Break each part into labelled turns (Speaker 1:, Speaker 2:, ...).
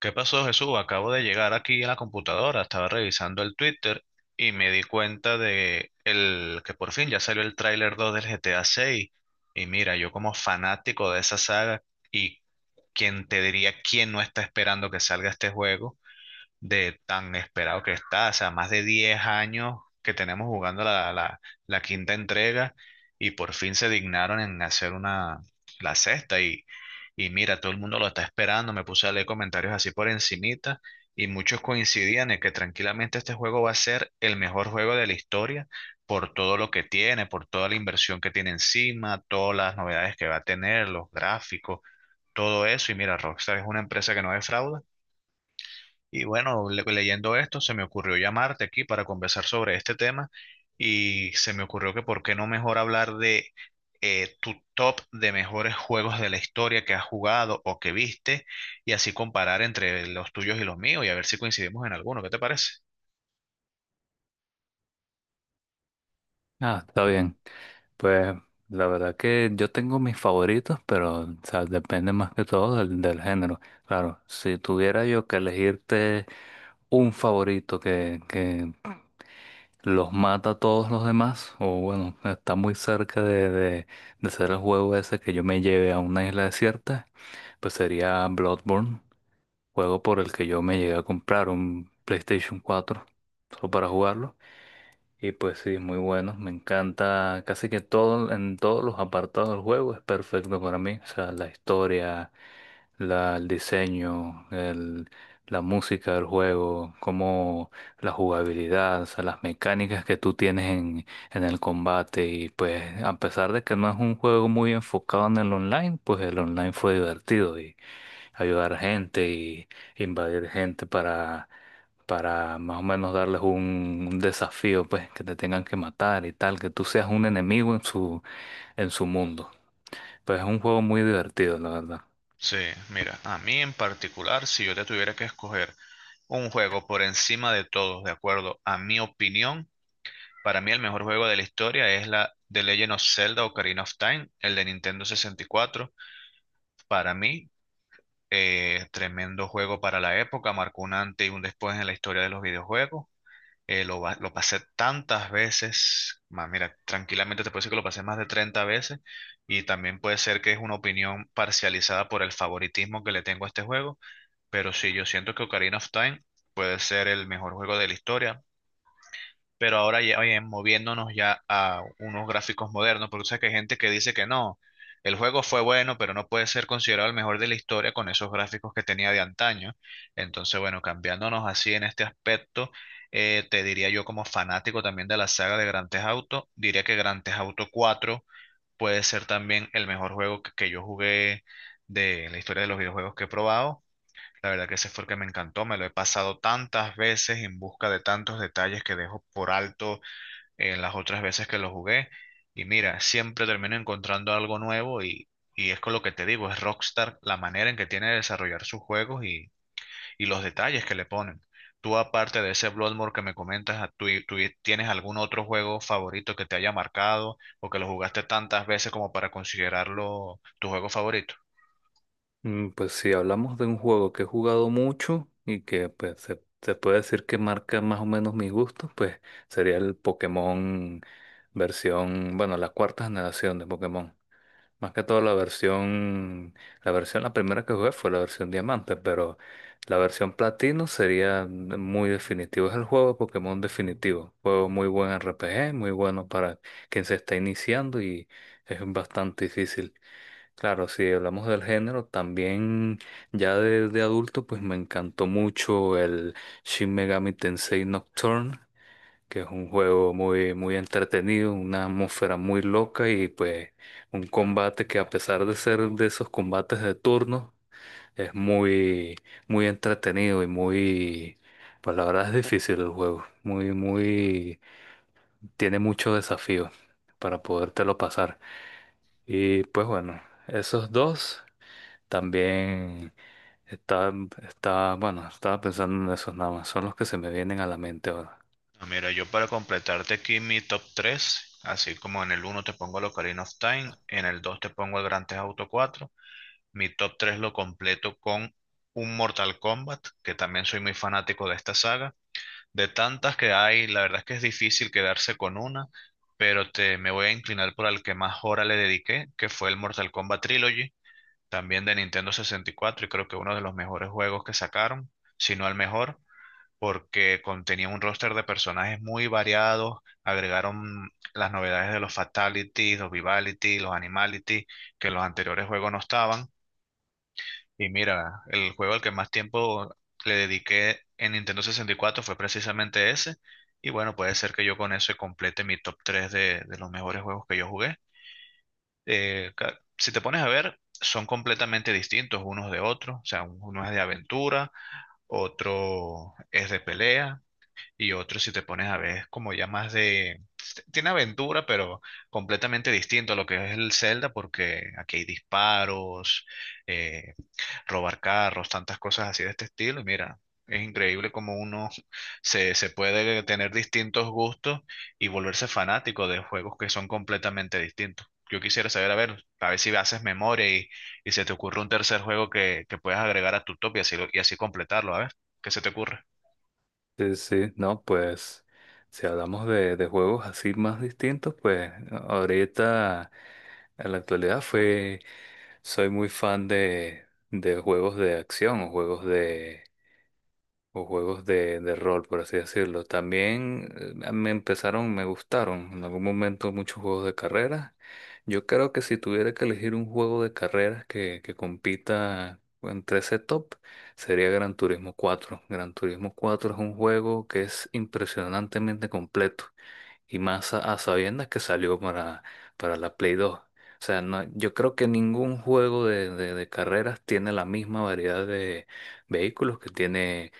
Speaker 1: ¿Qué pasó, Jesús? Acabo de llegar aquí a la computadora, estaba revisando el Twitter y me di cuenta de que por fin ya salió el tráiler 2 del GTA 6. Y mira, yo como fanático de esa saga y quien te diría quién no está esperando que salga este juego, de tan esperado que está, o sea, más de 10 años que tenemos jugando la quinta entrega y por fin se dignaron en hacer una, la sexta y mira, todo el mundo lo está esperando, me puse a leer comentarios así por encimita y muchos coincidían en que tranquilamente este juego va a ser el mejor juego de la historia por todo lo que tiene, por toda la inversión que tiene encima, todas las novedades que va a tener, los gráficos, todo eso y mira, Rockstar es una empresa que no defrauda y bueno, leyendo esto, se me ocurrió llamarte aquí para conversar sobre este tema y se me ocurrió que por qué no mejor hablar de tu top de mejores juegos de la historia que has jugado o que viste y así comparar entre los tuyos y los míos y a ver si coincidimos en alguno. ¿Qué te parece?
Speaker 2: Ah, está bien. Pues la verdad que yo tengo mis favoritos, pero o sea, depende más que todo del género. Claro, si tuviera yo que elegirte un favorito que los mata a todos los demás, o bueno, está muy cerca de ser el juego ese que yo me lleve a una isla desierta, pues sería Bloodborne, juego por el que yo me llegué a comprar un PlayStation cuatro solo para jugarlo. Y pues sí, muy bueno, me encanta casi que todo en todos los apartados del juego es perfecto para mí, o sea, la historia, el diseño, la música del juego, como la jugabilidad, o sea, las mecánicas que tú tienes en el combate y pues a pesar de que no es un juego muy enfocado en el online, pues el online fue divertido ayudar gente y invadir gente para más o menos darles un desafío, pues, que te tengan que matar y tal, que tú seas un enemigo en en su mundo. Pues es un juego muy divertido, la verdad.
Speaker 1: Sí, mira, a mí en particular, si yo te tuviera que escoger un juego por encima de todos, de acuerdo a mi opinión, para mí el mejor juego de la historia es la The Legend of Zelda Ocarina of Time, el de Nintendo 64. Para mí, tremendo juego para la época, marcó un antes y un después en la historia de los videojuegos. Lo pasé tantas veces, más, mira, tranquilamente te puedo decir que lo pasé más de 30 veces y también puede ser que es una opinión parcializada por el favoritismo que le tengo a este juego, pero sí, yo siento que Ocarina of Time puede ser el mejor juego de la historia, pero ahora ya oye, moviéndonos ya a unos gráficos modernos, porque tú sabes que hay gente que dice que no, el juego fue bueno, pero no puede ser considerado el mejor de la historia con esos gráficos que tenía de antaño. Entonces, bueno, cambiándonos así en este aspecto, te diría yo como fanático también de la saga de Grand Theft Auto, diría que Grand Theft Auto 4 puede ser también el mejor juego que yo jugué de la historia de los videojuegos que he probado. La verdad que ese fue el que me encantó, me lo he pasado tantas veces en busca de tantos detalles que dejo por alto en las otras veces que lo jugué. Y mira, siempre termino encontrando algo nuevo y es con lo que te digo, es Rockstar la manera en que tiene de desarrollar sus juegos y los detalles que le ponen. Tú, aparte de ese Bloodborne que me comentas, ah, ¿tú tienes algún otro juego favorito que te haya marcado o que lo jugaste tantas veces como para considerarlo tu juego favorito?
Speaker 2: Pues si hablamos de un juego que he jugado mucho y que pues se puede decir que marca más o menos mis gustos, pues sería el Pokémon versión, bueno, la cuarta generación de Pokémon. Más que todo la versión, la primera que jugué fue la versión diamante, pero la versión platino sería muy definitivo. Es el juego de Pokémon definitivo. Juego muy buen RPG, muy bueno para quien se está iniciando y es bastante difícil. Claro, si hablamos del género, también ya de adulto, pues me encantó mucho el Shin Megami Tensei Nocturne que es un juego muy, muy entretenido, una atmósfera muy loca y pues un combate que a pesar de ser de esos combates de turno, es muy, muy entretenido y muy, pues la verdad es difícil el juego, muy, muy, tiene mucho desafío para podértelo pasar. Y pues bueno, esos dos también está, bueno, estaba pensando en esos nada más, son los que se me vienen a la mente ahora.
Speaker 1: Ah, mira, yo para completarte aquí mi top tres, así como en el uno te pongo el Ocarina of Time, en el 2 te pongo el Grand Theft Auto cuatro. Mi top 3 lo completo con un Mortal Kombat, que también soy muy fanático de esta saga. De tantas que hay, la verdad es que es difícil quedarse con una, pero me voy a inclinar por el que más hora le dediqué, que fue el Mortal Kombat Trilogy, también de Nintendo 64, y cuatro, y creo que uno de los mejores juegos que sacaron, si no el mejor, porque contenía un roster de personajes muy variados, agregaron las novedades de los Fatalities, los Vivalities, los Animalities, que en los anteriores juegos no estaban y mira, el juego al que más tiempo le dediqué en Nintendo 64 fue precisamente ese. Y bueno, puede ser que yo con eso complete mi top 3 de los mejores juegos que yo jugué. Si te pones a ver, son completamente distintos unos de otros. O sea, uno es de aventura, otro es de pelea y otro, si te pones a ver, es como ya más de... Tiene aventura, pero completamente distinto a lo que es el Zelda, porque aquí hay disparos, eh, robar carros, tantas cosas así de este estilo. Y mira, es increíble cómo uno se puede tener distintos gustos y volverse fanático de juegos que son completamente distintos. Yo quisiera saber, a ver si haces memoria y se te ocurre un tercer juego que puedas agregar a tu top y así, y así completarlo, a ver, ¿qué se te ocurre?
Speaker 2: Sí, sí, no, pues si hablamos de juegos así más distintos, pues ahorita en la actualidad soy muy fan de juegos de acción, o o juegos de rol, por así decirlo. También me gustaron en algún momento muchos juegos de carreras. Yo creo que si tuviera que elegir un juego de carreras que compita entre ese top, sería Gran Turismo cuatro. Gran Turismo cuatro es un juego que es impresionantemente completo. Y más a sabiendas que salió para la Play 2. O sea, no, yo creo que ningún juego de carreras tiene la misma variedad de vehículos que tiene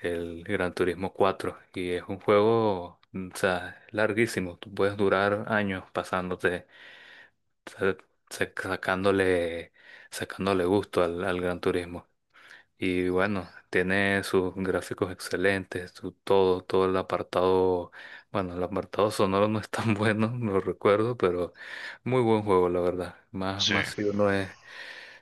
Speaker 2: el Gran Turismo 4. Y es un juego, o sea, larguísimo. Tú puedes durar años pasándote, sa- sa- sacándole, sacándole gusto al Gran Turismo. Y bueno, tiene sus gráficos excelentes, su todo, todo el apartado, bueno, el apartado sonoro no es tan bueno, no recuerdo, pero muy buen juego, la verdad. Más,
Speaker 1: Sí.
Speaker 2: más si uno es,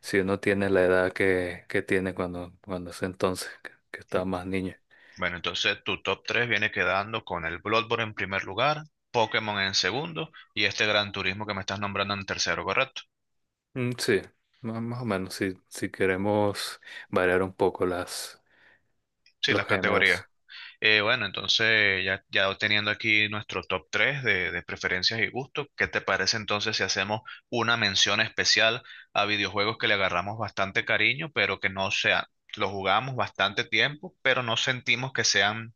Speaker 2: si uno tiene la edad que tiene cuando, cuando ese entonces, que estaba más niño.
Speaker 1: Bueno, entonces tu top 3 viene quedando con el Bloodborne en primer lugar, Pokémon en segundo y este Gran Turismo que me estás nombrando en tercero, ¿correcto?
Speaker 2: Mm, sí, más, más o menos, si, si queremos variar un poco las,
Speaker 1: Sí, las
Speaker 2: los
Speaker 1: categorías.
Speaker 2: géneros.
Speaker 1: Bueno, entonces ya, ya teniendo aquí nuestro top 3 de preferencias y gustos, ¿qué te parece entonces si hacemos una mención especial a videojuegos que le agarramos bastante cariño, pero que no sean, los jugamos bastante tiempo, pero no sentimos que sean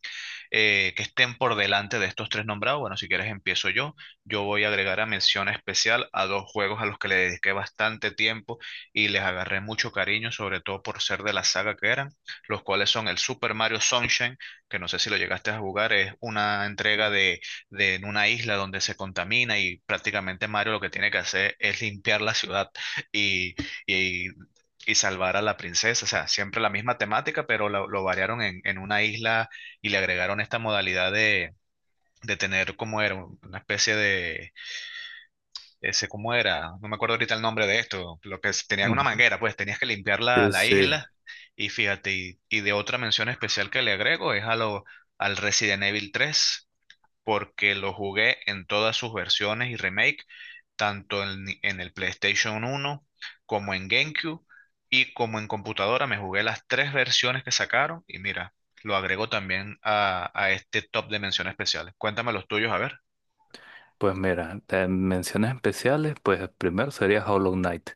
Speaker 1: que estén por delante de estos tres nombrados? Bueno, si quieres empiezo yo. Yo voy a agregar a mención especial a dos juegos a los que le dediqué bastante tiempo y les agarré mucho cariño, sobre todo por ser de la saga que eran, los cuales son el Super Mario Sunshine, que no sé si lo llegaste a jugar, es una entrega de en una isla donde se contamina y prácticamente Mario lo que tiene que hacer es limpiar la ciudad y, y y salvar a la princesa. O sea, siempre la misma temática, pero lo variaron en una isla y le agregaron esta modalidad de tener como era una especie de, ese cómo era, no me acuerdo ahorita el nombre de esto, lo tenía una
Speaker 2: Ujú.
Speaker 1: manguera, pues tenías que limpiar la,
Speaker 2: Sí,
Speaker 1: la
Speaker 2: sí.
Speaker 1: isla y fíjate, y de otra mención especial que le agrego es a al Resident Evil tres, porque lo jugué en todas sus versiones y remake, tanto en el PlayStation uno, como en GameCube y como en computadora. Me jugué las tres versiones que sacaron y mira, lo agrego también a este top de menciones especiales. Cuéntame los tuyos, a ver.
Speaker 2: Pues mira, de menciones especiales, pues el primero sería Hollow Knight,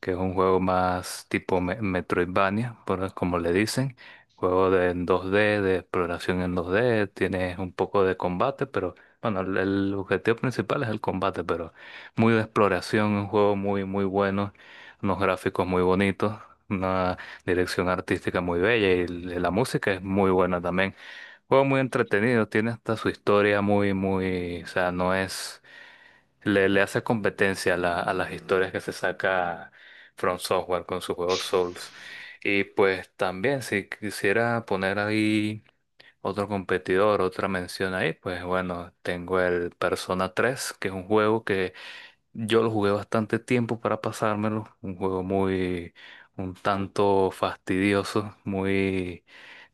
Speaker 2: que es un juego más tipo Metroidvania, por, como le dicen, juego de en 2D, de exploración en 2D, tienes un poco de combate, pero bueno, el objetivo principal es el combate, pero muy de exploración, un juego muy, muy bueno, unos gráficos muy bonitos, una dirección artística muy bella y la música es muy buena también. Juego muy entretenido, tiene hasta su historia muy, muy, o sea, no es le hace competencia a las historias que se saca From Software con su juego Souls. Y pues también si quisiera poner ahí otro competidor, otra mención ahí, pues bueno, tengo el Persona tres que es un juego que yo lo jugué bastante tiempo para pasármelo. Un juego muy, un tanto fastidioso, muy,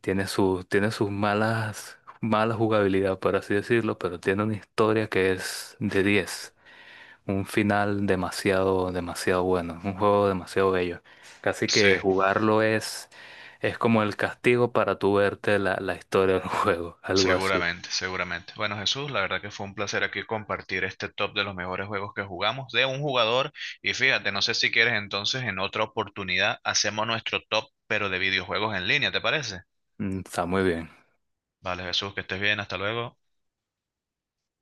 Speaker 2: tiene sus malas, mala jugabilidad, por así decirlo, pero tiene una historia que es de diez, un final demasiado, demasiado bueno, un juego demasiado bello. Casi
Speaker 1: Sí,
Speaker 2: que jugarlo es como el castigo para tú verte la historia del juego, algo así.
Speaker 1: seguramente, seguramente. Bueno, Jesús, la verdad que fue un placer aquí compartir este top de los mejores juegos que jugamos de un jugador. Y fíjate, no sé si quieres entonces en otra oportunidad hacemos nuestro top, pero de videojuegos en línea, ¿te parece?
Speaker 2: Mm, está muy bien.
Speaker 1: Vale, Jesús, que estés bien, hasta luego.